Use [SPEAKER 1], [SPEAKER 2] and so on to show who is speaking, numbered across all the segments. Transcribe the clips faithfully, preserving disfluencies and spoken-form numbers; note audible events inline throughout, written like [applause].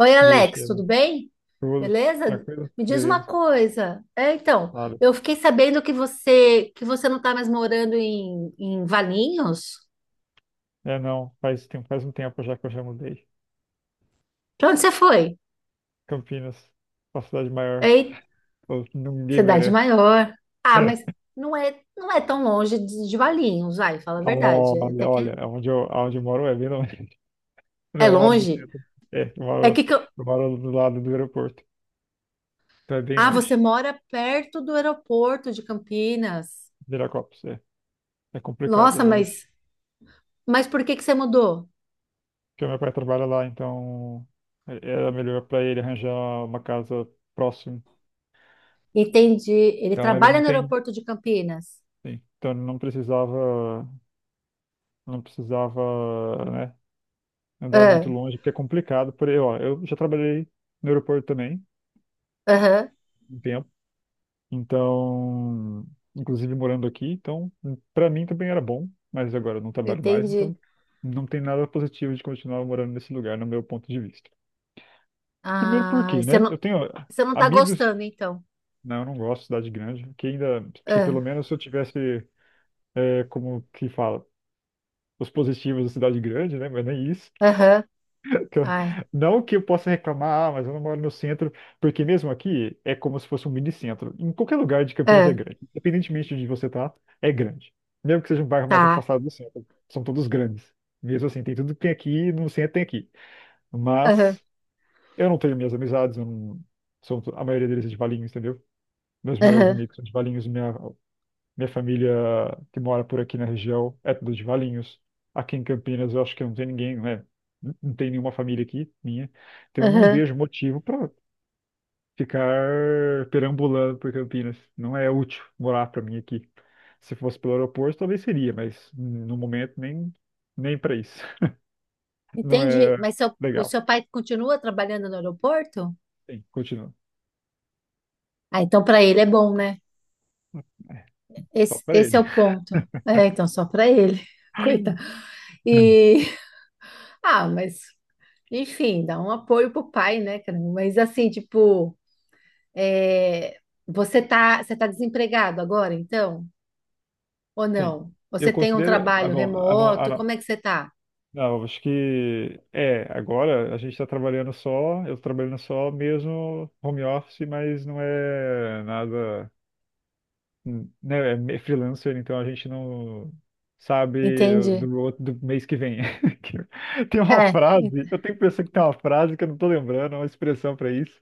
[SPEAKER 1] Oi,
[SPEAKER 2] Dia,
[SPEAKER 1] Alex,
[SPEAKER 2] Estevam.
[SPEAKER 1] tudo bem?
[SPEAKER 2] Tudo
[SPEAKER 1] Beleza?
[SPEAKER 2] tranquilo?
[SPEAKER 1] Me diz uma
[SPEAKER 2] Beleza.
[SPEAKER 1] coisa. É, então,
[SPEAKER 2] Claro.
[SPEAKER 1] eu fiquei sabendo que você que você não está mais morando em, em Valinhos.
[SPEAKER 2] É, não. Faz tempo, faz um tempo já que eu já mudei.
[SPEAKER 1] Para onde você foi?
[SPEAKER 2] Campinas, uma cidade maior.
[SPEAKER 1] Ei,
[SPEAKER 2] Pô, ninguém
[SPEAKER 1] cidade
[SPEAKER 2] merece.
[SPEAKER 1] maior. Ah, mas
[SPEAKER 2] [laughs]
[SPEAKER 1] não é não é tão longe de, de Valinhos, vai, fala a verdade. É até
[SPEAKER 2] Olha,
[SPEAKER 1] que
[SPEAKER 2] olha, onde eu, onde eu moro é bem longe. [laughs] Não,
[SPEAKER 1] é
[SPEAKER 2] eu moro no
[SPEAKER 1] longe.
[SPEAKER 2] centro. É, eu
[SPEAKER 1] É que,
[SPEAKER 2] moro,
[SPEAKER 1] que eu...
[SPEAKER 2] eu moro do lado do aeroporto. Então é bem
[SPEAKER 1] Ah,
[SPEAKER 2] longe.
[SPEAKER 1] você mora perto do aeroporto de Campinas.
[SPEAKER 2] Viracopos, é. É complicado, é
[SPEAKER 1] Nossa,
[SPEAKER 2] longe.
[SPEAKER 1] mas mas por que que você mudou?
[SPEAKER 2] Porque meu pai trabalha lá, então é- era melhor para ele arranjar uma casa próxima.
[SPEAKER 1] Entendi. Ele
[SPEAKER 2] Então ele
[SPEAKER 1] trabalha
[SPEAKER 2] não
[SPEAKER 1] no
[SPEAKER 2] tem,
[SPEAKER 1] aeroporto de Campinas.
[SPEAKER 2] sim. Então ele não precisava. Não precisava, né, andar muito longe, porque é complicado. Por aí, ó, eu já trabalhei no aeroporto também,
[SPEAKER 1] Aham,
[SPEAKER 2] um tempo, então, inclusive morando aqui, então, para mim também era bom, mas agora eu não trabalho mais,
[SPEAKER 1] entendi.
[SPEAKER 2] então não tem nada positivo de continuar morando nesse lugar, no meu ponto de vista. Primeiro
[SPEAKER 1] Ah,
[SPEAKER 2] porque,
[SPEAKER 1] você
[SPEAKER 2] né,
[SPEAKER 1] não,
[SPEAKER 2] eu tenho
[SPEAKER 1] você não tá
[SPEAKER 2] amigos,
[SPEAKER 1] gostando, então.
[SPEAKER 2] não, eu não gosto de cidade grande, que ainda, se pelo
[SPEAKER 1] Ah,
[SPEAKER 2] menos eu tivesse, é, como que fala, os positivos da cidade grande, né, mas nem isso.
[SPEAKER 1] aham,
[SPEAKER 2] que eu-
[SPEAKER 1] ai,
[SPEAKER 2] Não que eu possa reclamar, ah, mas eu não moro no centro, porque mesmo aqui é como se fosse um mini centro. Em qualquer lugar de Campinas é
[SPEAKER 1] ah,
[SPEAKER 2] grande, independentemente de onde você tá, é grande. Mesmo que seja um bairro mais
[SPEAKER 1] tá.
[SPEAKER 2] afastado do centro, são todos grandes. Mesmo assim, tem tudo que tem aqui, no centro tem aqui.
[SPEAKER 1] Aham,
[SPEAKER 2] Mas eu não tenho minhas amizades, eu não... são, to- a maioria deles é de Valinhos, entendeu? Meus melhores
[SPEAKER 1] aham,
[SPEAKER 2] amigos são de Valinhos, minha minha família que mora por aqui na região é tudo de Valinhos. Aqui em Campinas eu acho que não tem ninguém, né? Não não tem nenhuma família aqui, minha. Então eu não
[SPEAKER 1] aham.
[SPEAKER 2] vejo motivo para ficar perambulando por Campinas. Não é útil morar para mim aqui. Se fosse pelo aeroporto, talvez seria, mas no momento nem, nem para isso. [laughs] Não
[SPEAKER 1] Entendi.
[SPEAKER 2] é
[SPEAKER 1] Mas seu, o
[SPEAKER 2] legal.
[SPEAKER 1] seu pai continua trabalhando no aeroporto?
[SPEAKER 2] Sim, continua.
[SPEAKER 1] Ah, então para ele é bom, né?
[SPEAKER 2] Só
[SPEAKER 1] Esse,
[SPEAKER 2] para
[SPEAKER 1] esse é
[SPEAKER 2] ele.
[SPEAKER 1] o ponto. É, então só para ele. [laughs] Coitado.
[SPEAKER 2] [laughs]
[SPEAKER 1] E, ah, mas, enfim, dá um apoio pro pai, né, cara? Mas assim, tipo, é, você tá, você tá desempregado agora, então? Ou
[SPEAKER 2] Sim.
[SPEAKER 1] não? Você
[SPEAKER 2] Eu
[SPEAKER 1] tem um
[SPEAKER 2] considero. Ah,
[SPEAKER 1] trabalho
[SPEAKER 2] bom, a, no- a,
[SPEAKER 1] remoto? Como
[SPEAKER 2] no-
[SPEAKER 1] é que você tá?
[SPEAKER 2] não, eu acho que é, agora a gente está trabalhando só, eu tô trabalhando só mesmo home office, mas não é nada, né, é me- freelancer, então a gente não sabe
[SPEAKER 1] Entendi.
[SPEAKER 2] do outro do mês que vem. [laughs] Que- Tem uma
[SPEAKER 1] É,
[SPEAKER 2] frase,
[SPEAKER 1] en-
[SPEAKER 2] eu tenho que pensar que tem uma frase que eu não tô lembrando, uma expressão para isso.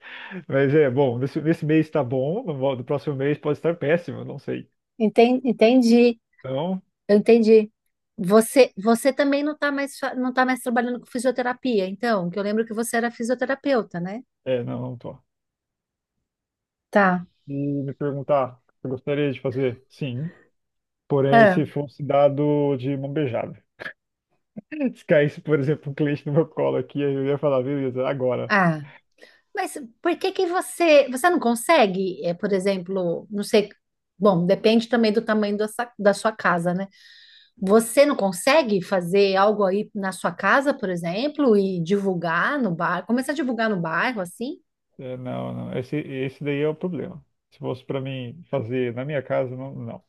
[SPEAKER 2] Mas é, bom, nesse, nesse mês tá bom, no, vo- no próximo mês pode estar péssimo, não sei.
[SPEAKER 1] enten- entendi,
[SPEAKER 2] Então,
[SPEAKER 1] eu entendi. Você, você também não tá mais, fa- não tá mais trabalhando com fisioterapia, então, que eu lembro que você era fisioterapeuta, né?
[SPEAKER 2] é, não, não tô.
[SPEAKER 1] Tá.
[SPEAKER 2] E me perguntar, eu gostaria de fazer? Sim. Porém,
[SPEAKER 1] É.
[SPEAKER 2] se fosse dado de mão beijada. [laughs] Se caísse, por exemplo, um cliente no meu colo aqui, eu ia falar, beleza, agora.
[SPEAKER 1] Ah, mas por que que você, você não consegue, é, por exemplo, não sei, bom, depende também do tamanho da sa- da sua casa, né? Você não consegue fazer algo aí na sua casa, por exemplo, e divulgar no bairro? Começar a divulgar no bairro, assim?
[SPEAKER 2] É, não, não. Esse, esse daí é o problema. Se fosse para mim fazer na minha casa, não, não.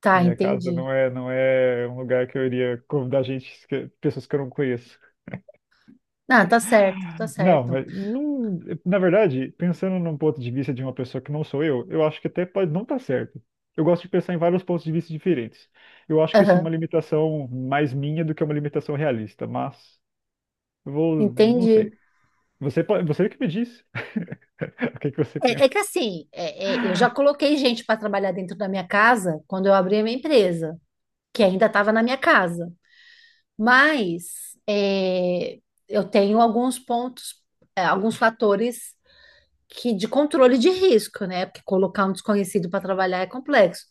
[SPEAKER 1] Tá,
[SPEAKER 2] Minha casa
[SPEAKER 1] entendi.
[SPEAKER 2] não é, não é um lugar que eu iria convidar gente, que- pessoas que eu não conheço.
[SPEAKER 1] Ah, tá certo, tá
[SPEAKER 2] Não,
[SPEAKER 1] certo.
[SPEAKER 2] mas não, na verdade, pensando num ponto de vista de uma pessoa que não sou eu, eu acho que até pode não estar certo. Eu gosto de pensar em vários pontos de vista diferentes. Eu acho que isso é uma
[SPEAKER 1] Aham,
[SPEAKER 2] limitação mais minha do que uma limitação realista, mas eu vou, não
[SPEAKER 1] entendi.
[SPEAKER 2] sei. Você, pode- você que me disse. [laughs] O que que você
[SPEAKER 1] É,
[SPEAKER 2] pensa?
[SPEAKER 1] é que assim, é- é, eu já coloquei gente para trabalhar dentro da minha casa quando eu abri a minha empresa, que ainda estava na minha casa. Mas é, eu tenho alguns pontos, é, alguns fatores que de controle de risco, né? Porque colocar um desconhecido para trabalhar é complexo.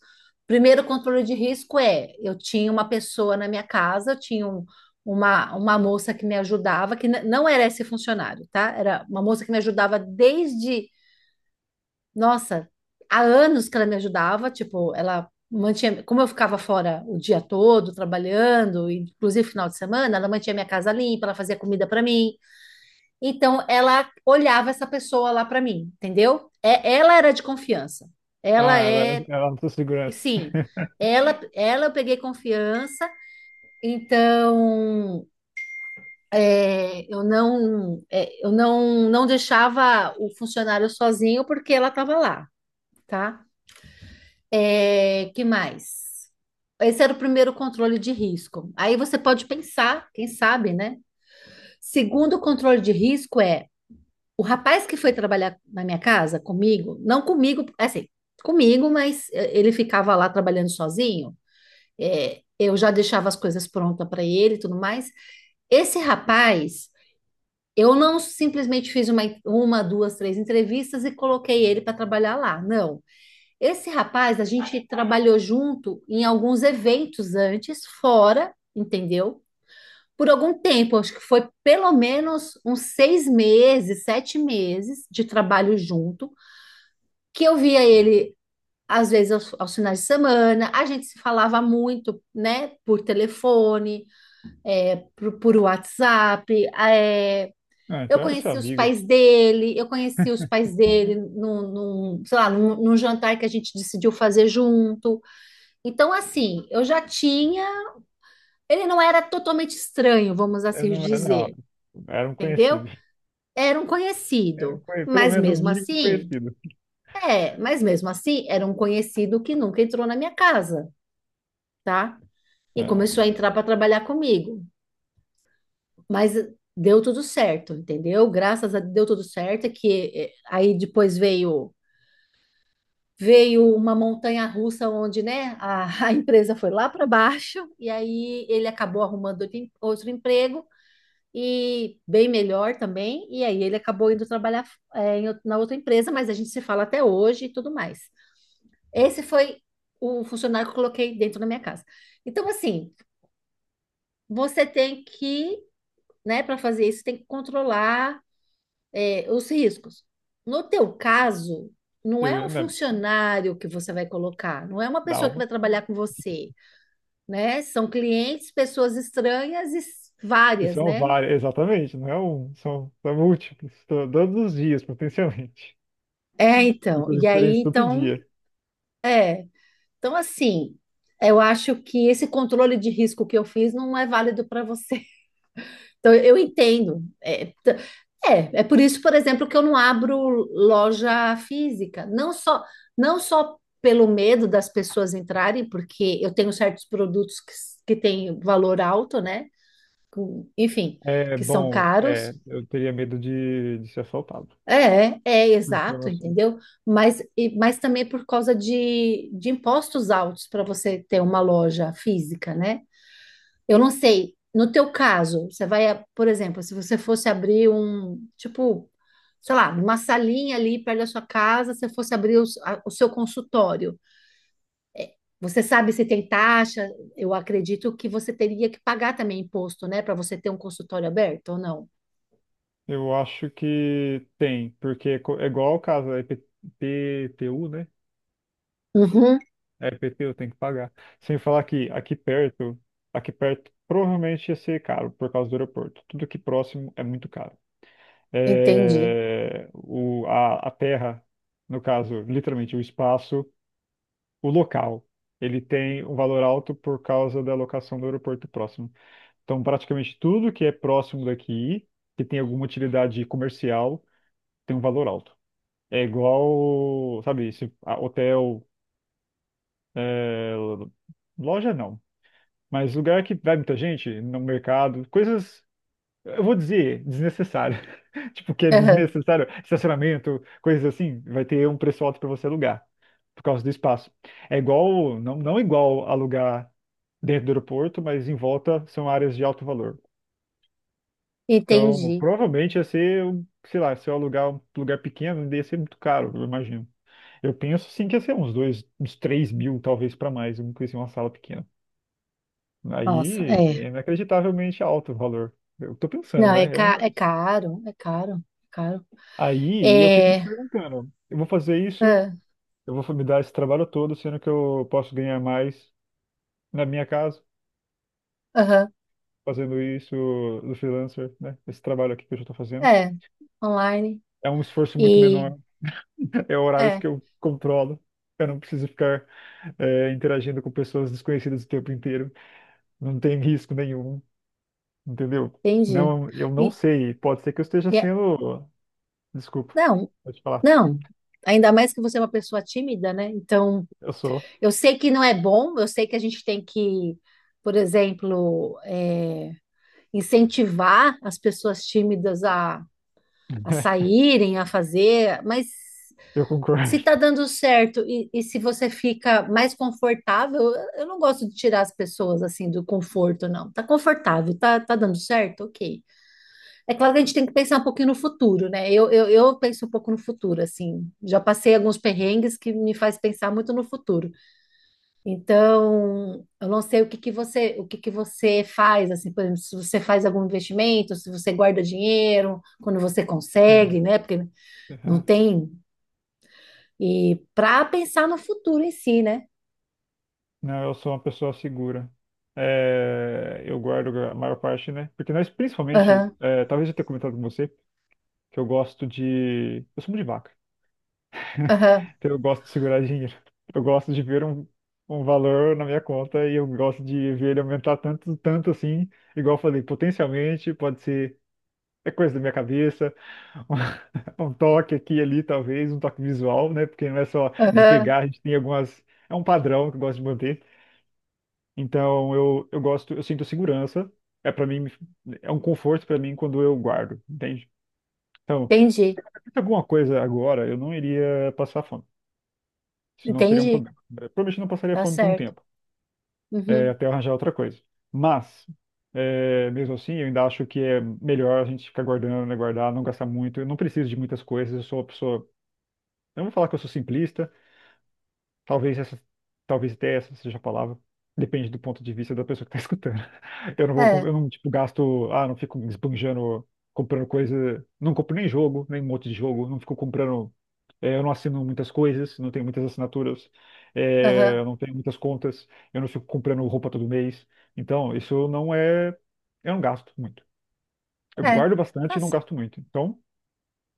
[SPEAKER 1] Primeiro controle de risco é, eu tinha uma pessoa na minha casa, eu tinha um- uma, uma moça que me ajudava, que n- não era esse funcionário, tá? Era uma moça que me ajudava desde, nossa, há anos que ela me ajudava, tipo, ela mantinha, como eu ficava fora o dia todo trabalhando, inclusive final de semana, ela mantinha minha casa limpa, ela fazia comida para mim, então ela olhava essa pessoa lá para mim, entendeu? É, ela era de confiança. Ela
[SPEAKER 2] Ah, ela, ela
[SPEAKER 1] é,
[SPEAKER 2] era da sua segurança.
[SPEAKER 1] sim,
[SPEAKER 2] [laughs]
[SPEAKER 1] ela, ela eu peguei confiança. Então é, eu não, é, eu não, não deixava o funcionário sozinho porque ela estava lá, tá? É, que mais? Esse era o primeiro controle de risco. Aí você pode pensar, quem sabe, né? Segundo controle de risco é o rapaz que foi trabalhar na minha casa comigo, não comigo, assim, comigo, mas eh, ele ficava lá trabalhando sozinho. eh, eu já deixava as coisas prontas para ele e tudo mais. Esse rapaz, eu não simplesmente fiz uma, uma, duas, três entrevistas e coloquei ele para trabalhar lá. Não. Esse rapaz, a gente trabalhou junto em alguns eventos antes, fora, entendeu? Por algum tempo, acho que foi pelo menos uns seis meses, sete meses de trabalho junto que eu via ele às vezes aos, aos finais de semana, a gente se falava muito, né, por telefone, por, por WhatsApp, é,
[SPEAKER 2] Ah,
[SPEAKER 1] eu
[SPEAKER 2] então era seu
[SPEAKER 1] conheci os
[SPEAKER 2] amigo.
[SPEAKER 1] pais dele, eu conheci os pais dele num, num, sei lá, num, num, jantar que a gente decidiu fazer junto. Então, assim, eu já tinha. Ele não era totalmente estranho, vamos
[SPEAKER 2] Eu
[SPEAKER 1] assim
[SPEAKER 2] não, era- não,
[SPEAKER 1] dizer,
[SPEAKER 2] era um
[SPEAKER 1] entendeu?
[SPEAKER 2] conhecido.
[SPEAKER 1] Era um
[SPEAKER 2] Era um
[SPEAKER 1] conhecido.
[SPEAKER 2] conhe- pelo
[SPEAKER 1] Mas
[SPEAKER 2] menos no
[SPEAKER 1] mesmo
[SPEAKER 2] mínimo um
[SPEAKER 1] assim,
[SPEAKER 2] conhecido.
[SPEAKER 1] é, mas mesmo assim, era um conhecido que nunca entrou na minha casa, tá? E
[SPEAKER 2] É,
[SPEAKER 1] começou a entrar para trabalhar comigo. Mas deu tudo certo, entendeu? Graças a Deus deu tudo certo, que eh, aí depois veio veio uma montanha russa onde, né, a, [laughs] a empresa foi lá para baixo e aí ele acabou arrumando outro em- outro emprego e bem melhor também, e aí ele acabou indo trabalhar eh, em out- na outra empresa, mas a gente se fala até hoje e tudo mais. Esse foi o funcionário que eu coloquei dentro da minha casa. Então, assim, você tem que né? Para fazer isso, tem que controlar, é, os riscos. No teu caso, não é um
[SPEAKER 2] eu, né,
[SPEAKER 1] funcionário que você vai colocar, não é uma
[SPEAKER 2] dá
[SPEAKER 1] pessoa que
[SPEAKER 2] um.
[SPEAKER 1] vai trabalhar com você, né? São clientes, pessoas estranhas e s-
[SPEAKER 2] E
[SPEAKER 1] várias,
[SPEAKER 2] são
[SPEAKER 1] né?
[SPEAKER 2] vários, exatamente, não é um, são, são múltiplos, to- todos os dias, potencialmente.
[SPEAKER 1] É,
[SPEAKER 2] [laughs]
[SPEAKER 1] então.
[SPEAKER 2] Pessoas
[SPEAKER 1] E aí,
[SPEAKER 2] diferentes todo
[SPEAKER 1] então,
[SPEAKER 2] dia.
[SPEAKER 1] é. Então, assim, eu acho que esse controle de risco que eu fiz não é válido para você. Então, eu entendo. É, t- é, é por isso, por exemplo, que eu não abro loja física. Não só, não só pelo medo das pessoas entrarem, porque eu tenho certos produtos que, s- que têm valor alto, né? Com- Enfim,
[SPEAKER 2] É,
[SPEAKER 1] que são
[SPEAKER 2] bom,
[SPEAKER 1] caros.
[SPEAKER 2] é, eu teria medo de, de ser assaltado.
[SPEAKER 1] É, é
[SPEAKER 2] Pensando
[SPEAKER 1] exato,
[SPEAKER 2] assim.
[SPEAKER 1] entendeu? Mas, e- mas também por causa de, de impostos altos para você ter uma loja física, né? Eu não sei. No teu caso, você vai, por exemplo, se você fosse abrir um, tipo, sei lá, uma salinha ali perto da sua casa, se você fosse abrir os- a- o seu consultório, você sabe se tem taxa? Eu acredito que você teria que pagar também imposto, né, para você ter um consultório aberto ou não?
[SPEAKER 2] Eu acho que tem, porque co- é igual o caso da I P T U, né?
[SPEAKER 1] Uhum,
[SPEAKER 2] É I P T U, tem que pagar. Sem falar que aqui perto, aqui perto provavelmente ia ser caro por causa do aeroporto. Tudo que próximo é muito caro.
[SPEAKER 1] entendi.
[SPEAKER 2] É, o, a, a terra, no caso, literalmente o espaço, o local, ele tem um valor alto por causa da locação do aeroporto próximo. Então, praticamente tudo que é próximo daqui, que tem alguma utilidade comercial, tem um valor alto. É igual, sabe, se, a- hotel, é, loja não, mas lugar que vai muita gente, no mercado, coisas, eu vou dizer, desnecessárias. [laughs] Tipo, que é
[SPEAKER 1] Aham,
[SPEAKER 2] desnecessário, estacionamento, coisas assim, vai ter um preço alto para você alugar, por causa do espaço. É igual, não, não igual alugar dentro do aeroporto, mas em volta são áreas de alto valor. Então,
[SPEAKER 1] entendi.
[SPEAKER 2] provavelmente ia ser, um- sei lá, se eu alugar um lugar pequeno, ia ser muito caro, eu imagino. Eu penso sim que ia ser uns dois, uns três mil, talvez para mais, uma coisa assim, uma sala pequena.
[SPEAKER 1] Nossa,
[SPEAKER 2] Aí
[SPEAKER 1] é.
[SPEAKER 2] é inacreditavelmente alto o valor. Eu tô pensando,
[SPEAKER 1] Não, é,
[SPEAKER 2] né? É um...
[SPEAKER 1] ca é caro, é caro, é caro.
[SPEAKER 2] Aí eu fico me
[SPEAKER 1] É,
[SPEAKER 2] perguntando, eu vou fazer isso,
[SPEAKER 1] ah,
[SPEAKER 2] eu vou me dar esse trabalho todo, sendo que eu posso ganhar mais na minha casa,
[SPEAKER 1] aham,
[SPEAKER 2] fazendo isso do freelancer, né? Esse trabalho aqui que eu já tô fazendo.
[SPEAKER 1] é, online
[SPEAKER 2] É um esforço muito
[SPEAKER 1] e
[SPEAKER 2] menor, [laughs] é horários que
[SPEAKER 1] é.
[SPEAKER 2] eu controlo. Eu não preciso ficar eh, interagindo com pessoas desconhecidas o tempo inteiro. Não tem risco nenhum. Entendeu?
[SPEAKER 1] Entendi.
[SPEAKER 2] Não, eu não
[SPEAKER 1] E,
[SPEAKER 2] sei. Pode ser que eu esteja
[SPEAKER 1] e é-
[SPEAKER 2] sendo. Desculpa,
[SPEAKER 1] não,
[SPEAKER 2] pode falar.
[SPEAKER 1] não. Ainda mais que você é uma pessoa tímida, né? Então,
[SPEAKER 2] Eu sou.
[SPEAKER 1] eu sei que não é bom, eu sei que a gente tem que, por exemplo, é, incentivar as pessoas tímidas a, a
[SPEAKER 2] [laughs]
[SPEAKER 1] saírem, a fazer, mas
[SPEAKER 2] Eu concordo.
[SPEAKER 1] se tá dando certo e, e se você fica mais confortável, eu eu não gosto de tirar as pessoas assim do conforto, não. Tá confortável, tá, tá dando certo? Ok. É claro que a gente tem que pensar um pouquinho no futuro, né? Eu, eu, eu penso um pouco no futuro, assim. Já passei alguns perrengues que me faz pensar muito no futuro. Então, eu não sei o que que você, o que que você faz, assim, por exemplo, se você faz algum investimento, se você guarda dinheiro, quando você
[SPEAKER 2] Sim.
[SPEAKER 1] consegue, né? Porque não
[SPEAKER 2] Aham.
[SPEAKER 1] tem. E para pensar no futuro em si, né?
[SPEAKER 2] Não, eu sou uma pessoa segura. É, eu guardo a maior parte, né? Porque nós, principalmente,
[SPEAKER 1] Aham,
[SPEAKER 2] é, talvez eu tenha comentado com você, que eu gosto de. Eu sou muito de vaca.
[SPEAKER 1] aham,
[SPEAKER 2] Então eu gosto de segurar dinheiro. [laughs] Eu gosto de ver um, um valor na minha conta e eu gosto de ver ele aumentar tanto, tanto assim. Igual eu falei, potencialmente pode ser. É coisa da minha cabeça, [laughs] um toque aqui e ali, talvez, um toque visual, né? Porque não é só de
[SPEAKER 1] aham.
[SPEAKER 2] pegar, a gente tem algumas. É um padrão que eu gosto de manter. Então eu, eu gosto, eu sinto segurança. É para mim, é um conforto para mim quando eu guardo, entende? Então, se
[SPEAKER 1] Entendi,
[SPEAKER 2] acontecesse alguma coisa agora, eu não iria passar fome. Isso não seria um
[SPEAKER 1] entendi.
[SPEAKER 2] problema. É, provavelmente eu não passaria
[SPEAKER 1] Tá
[SPEAKER 2] fome por um
[SPEAKER 1] certo.
[SPEAKER 2] tempo, é,
[SPEAKER 1] Uhum.
[SPEAKER 2] até eu arranjar outra coisa. Mas, é, mesmo assim, eu ainda acho que é melhor a gente ficar guardando, né, guardar, não gastar muito. Eu não preciso de muitas coisas, eu sou uma pessoa. Eu não vou falar que eu sou simplista, talvez essa, talvez até essa seja a palavra. Depende do ponto de vista da pessoa que está [laughs] escutando. Eu não vou, com-
[SPEAKER 1] É,
[SPEAKER 2] eu não, tipo, gasto, ah, não fico esbanjando, comprando coisa, não compro nem jogo, nem um monte de jogo, não fico comprando, eh, eu não assino muitas coisas, não tenho muitas assinaturas, eh,
[SPEAKER 1] aham,
[SPEAKER 2] eu não tenho muitas contas, eu não fico comprando roupa todo mês. Então, isso não é, eu não gasto muito. Eu
[SPEAKER 1] é.
[SPEAKER 2] guardo bastante
[SPEAKER 1] Tá.
[SPEAKER 2] e não gasto muito. Então,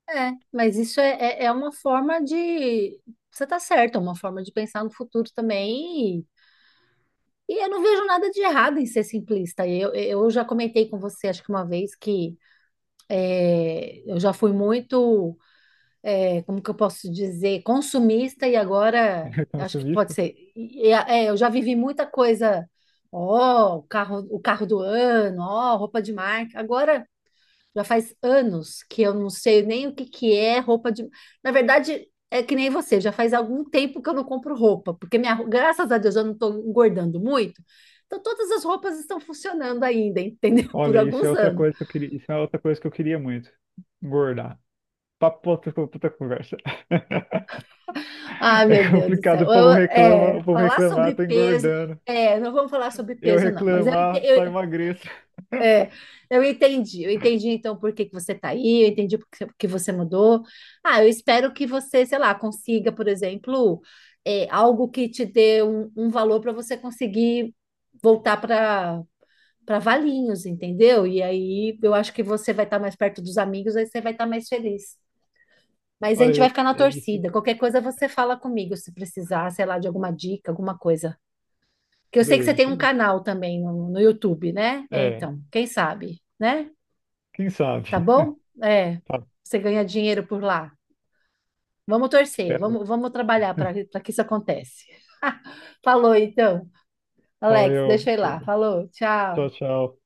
[SPEAKER 1] É, mas isso é, é, é uma forma de. Você está certo, é uma forma de pensar no futuro também. E, e eu não vejo nada de errado em ser simplista. Eu, eu já comentei com você, acho que uma vez, que é, eu já fui muito, é, como que eu posso dizer, consumista e agora
[SPEAKER 2] [laughs] então,
[SPEAKER 1] acho
[SPEAKER 2] assim,
[SPEAKER 1] que pode ser. E- e, é, eu já vivi muita coisa, ó, o carro, o carro do ano, ó, roupa de marca. Agora. Já faz anos que eu não sei nem o que que é roupa de. Na verdade, é que nem você, já faz algum tempo que eu não compro roupa, porque minha, ro- graças a Deus eu não estou engordando muito. Então todas as roupas estão funcionando ainda, entendeu? [laughs] Por
[SPEAKER 2] olha, isso é
[SPEAKER 1] alguns
[SPEAKER 2] outra
[SPEAKER 1] anos.
[SPEAKER 2] coisa que eu queria, isso é outra coisa que eu queria muito. Engordar. Papo pra outra pra outra conversa. [laughs]
[SPEAKER 1] Ah,
[SPEAKER 2] É
[SPEAKER 1] meu Deus do céu.
[SPEAKER 2] complicado, o
[SPEAKER 1] Eu-
[SPEAKER 2] povo reclama,
[SPEAKER 1] é,
[SPEAKER 2] o povo
[SPEAKER 1] falar
[SPEAKER 2] reclamar,
[SPEAKER 1] sobre
[SPEAKER 2] tô
[SPEAKER 1] peso,
[SPEAKER 2] engordando.
[SPEAKER 1] é, não vamos falar sobre
[SPEAKER 2] Eu
[SPEAKER 1] peso não, mas eu, ente-
[SPEAKER 2] reclamar, só
[SPEAKER 1] eu,
[SPEAKER 2] emagreço.
[SPEAKER 1] é, eu entendi, eu entendi então por que que você está aí, eu entendi por que por que você mudou. Ah, eu espero que você, sei lá, consiga, por exemplo, é, algo que te dê um, um valor para você conseguir voltar para para Valinhos, entendeu? E aí eu acho que você vai estar mais perto dos amigos, aí você vai estar mais feliz. Mas a
[SPEAKER 2] Olha,
[SPEAKER 1] gente vai
[SPEAKER 2] eu-
[SPEAKER 1] ficar na
[SPEAKER 2] é isso.
[SPEAKER 1] torcida. Qualquer coisa você fala comigo se precisar, sei lá, de alguma dica, alguma coisa. Que eu sei que você
[SPEAKER 2] Beleza,
[SPEAKER 1] tem um
[SPEAKER 2] chega.
[SPEAKER 1] canal também no, no YouTube, né? É,
[SPEAKER 2] É,
[SPEAKER 1] então, quem sabe, né?
[SPEAKER 2] quem
[SPEAKER 1] Tá
[SPEAKER 2] sabe?
[SPEAKER 1] bom?
[SPEAKER 2] [laughs]
[SPEAKER 1] É,
[SPEAKER 2] Tá,
[SPEAKER 1] você ganha dinheiro por lá. Vamos torcer,
[SPEAKER 2] espero.
[SPEAKER 1] vamos, vamos trabalhar para para que isso aconteça. [laughs] Falou, então. Alex,
[SPEAKER 2] Valeu,
[SPEAKER 1] deixa eu ir lá.
[SPEAKER 2] chega.
[SPEAKER 1] Falou,
[SPEAKER 2] Tchau,
[SPEAKER 1] tchau.
[SPEAKER 2] tchau.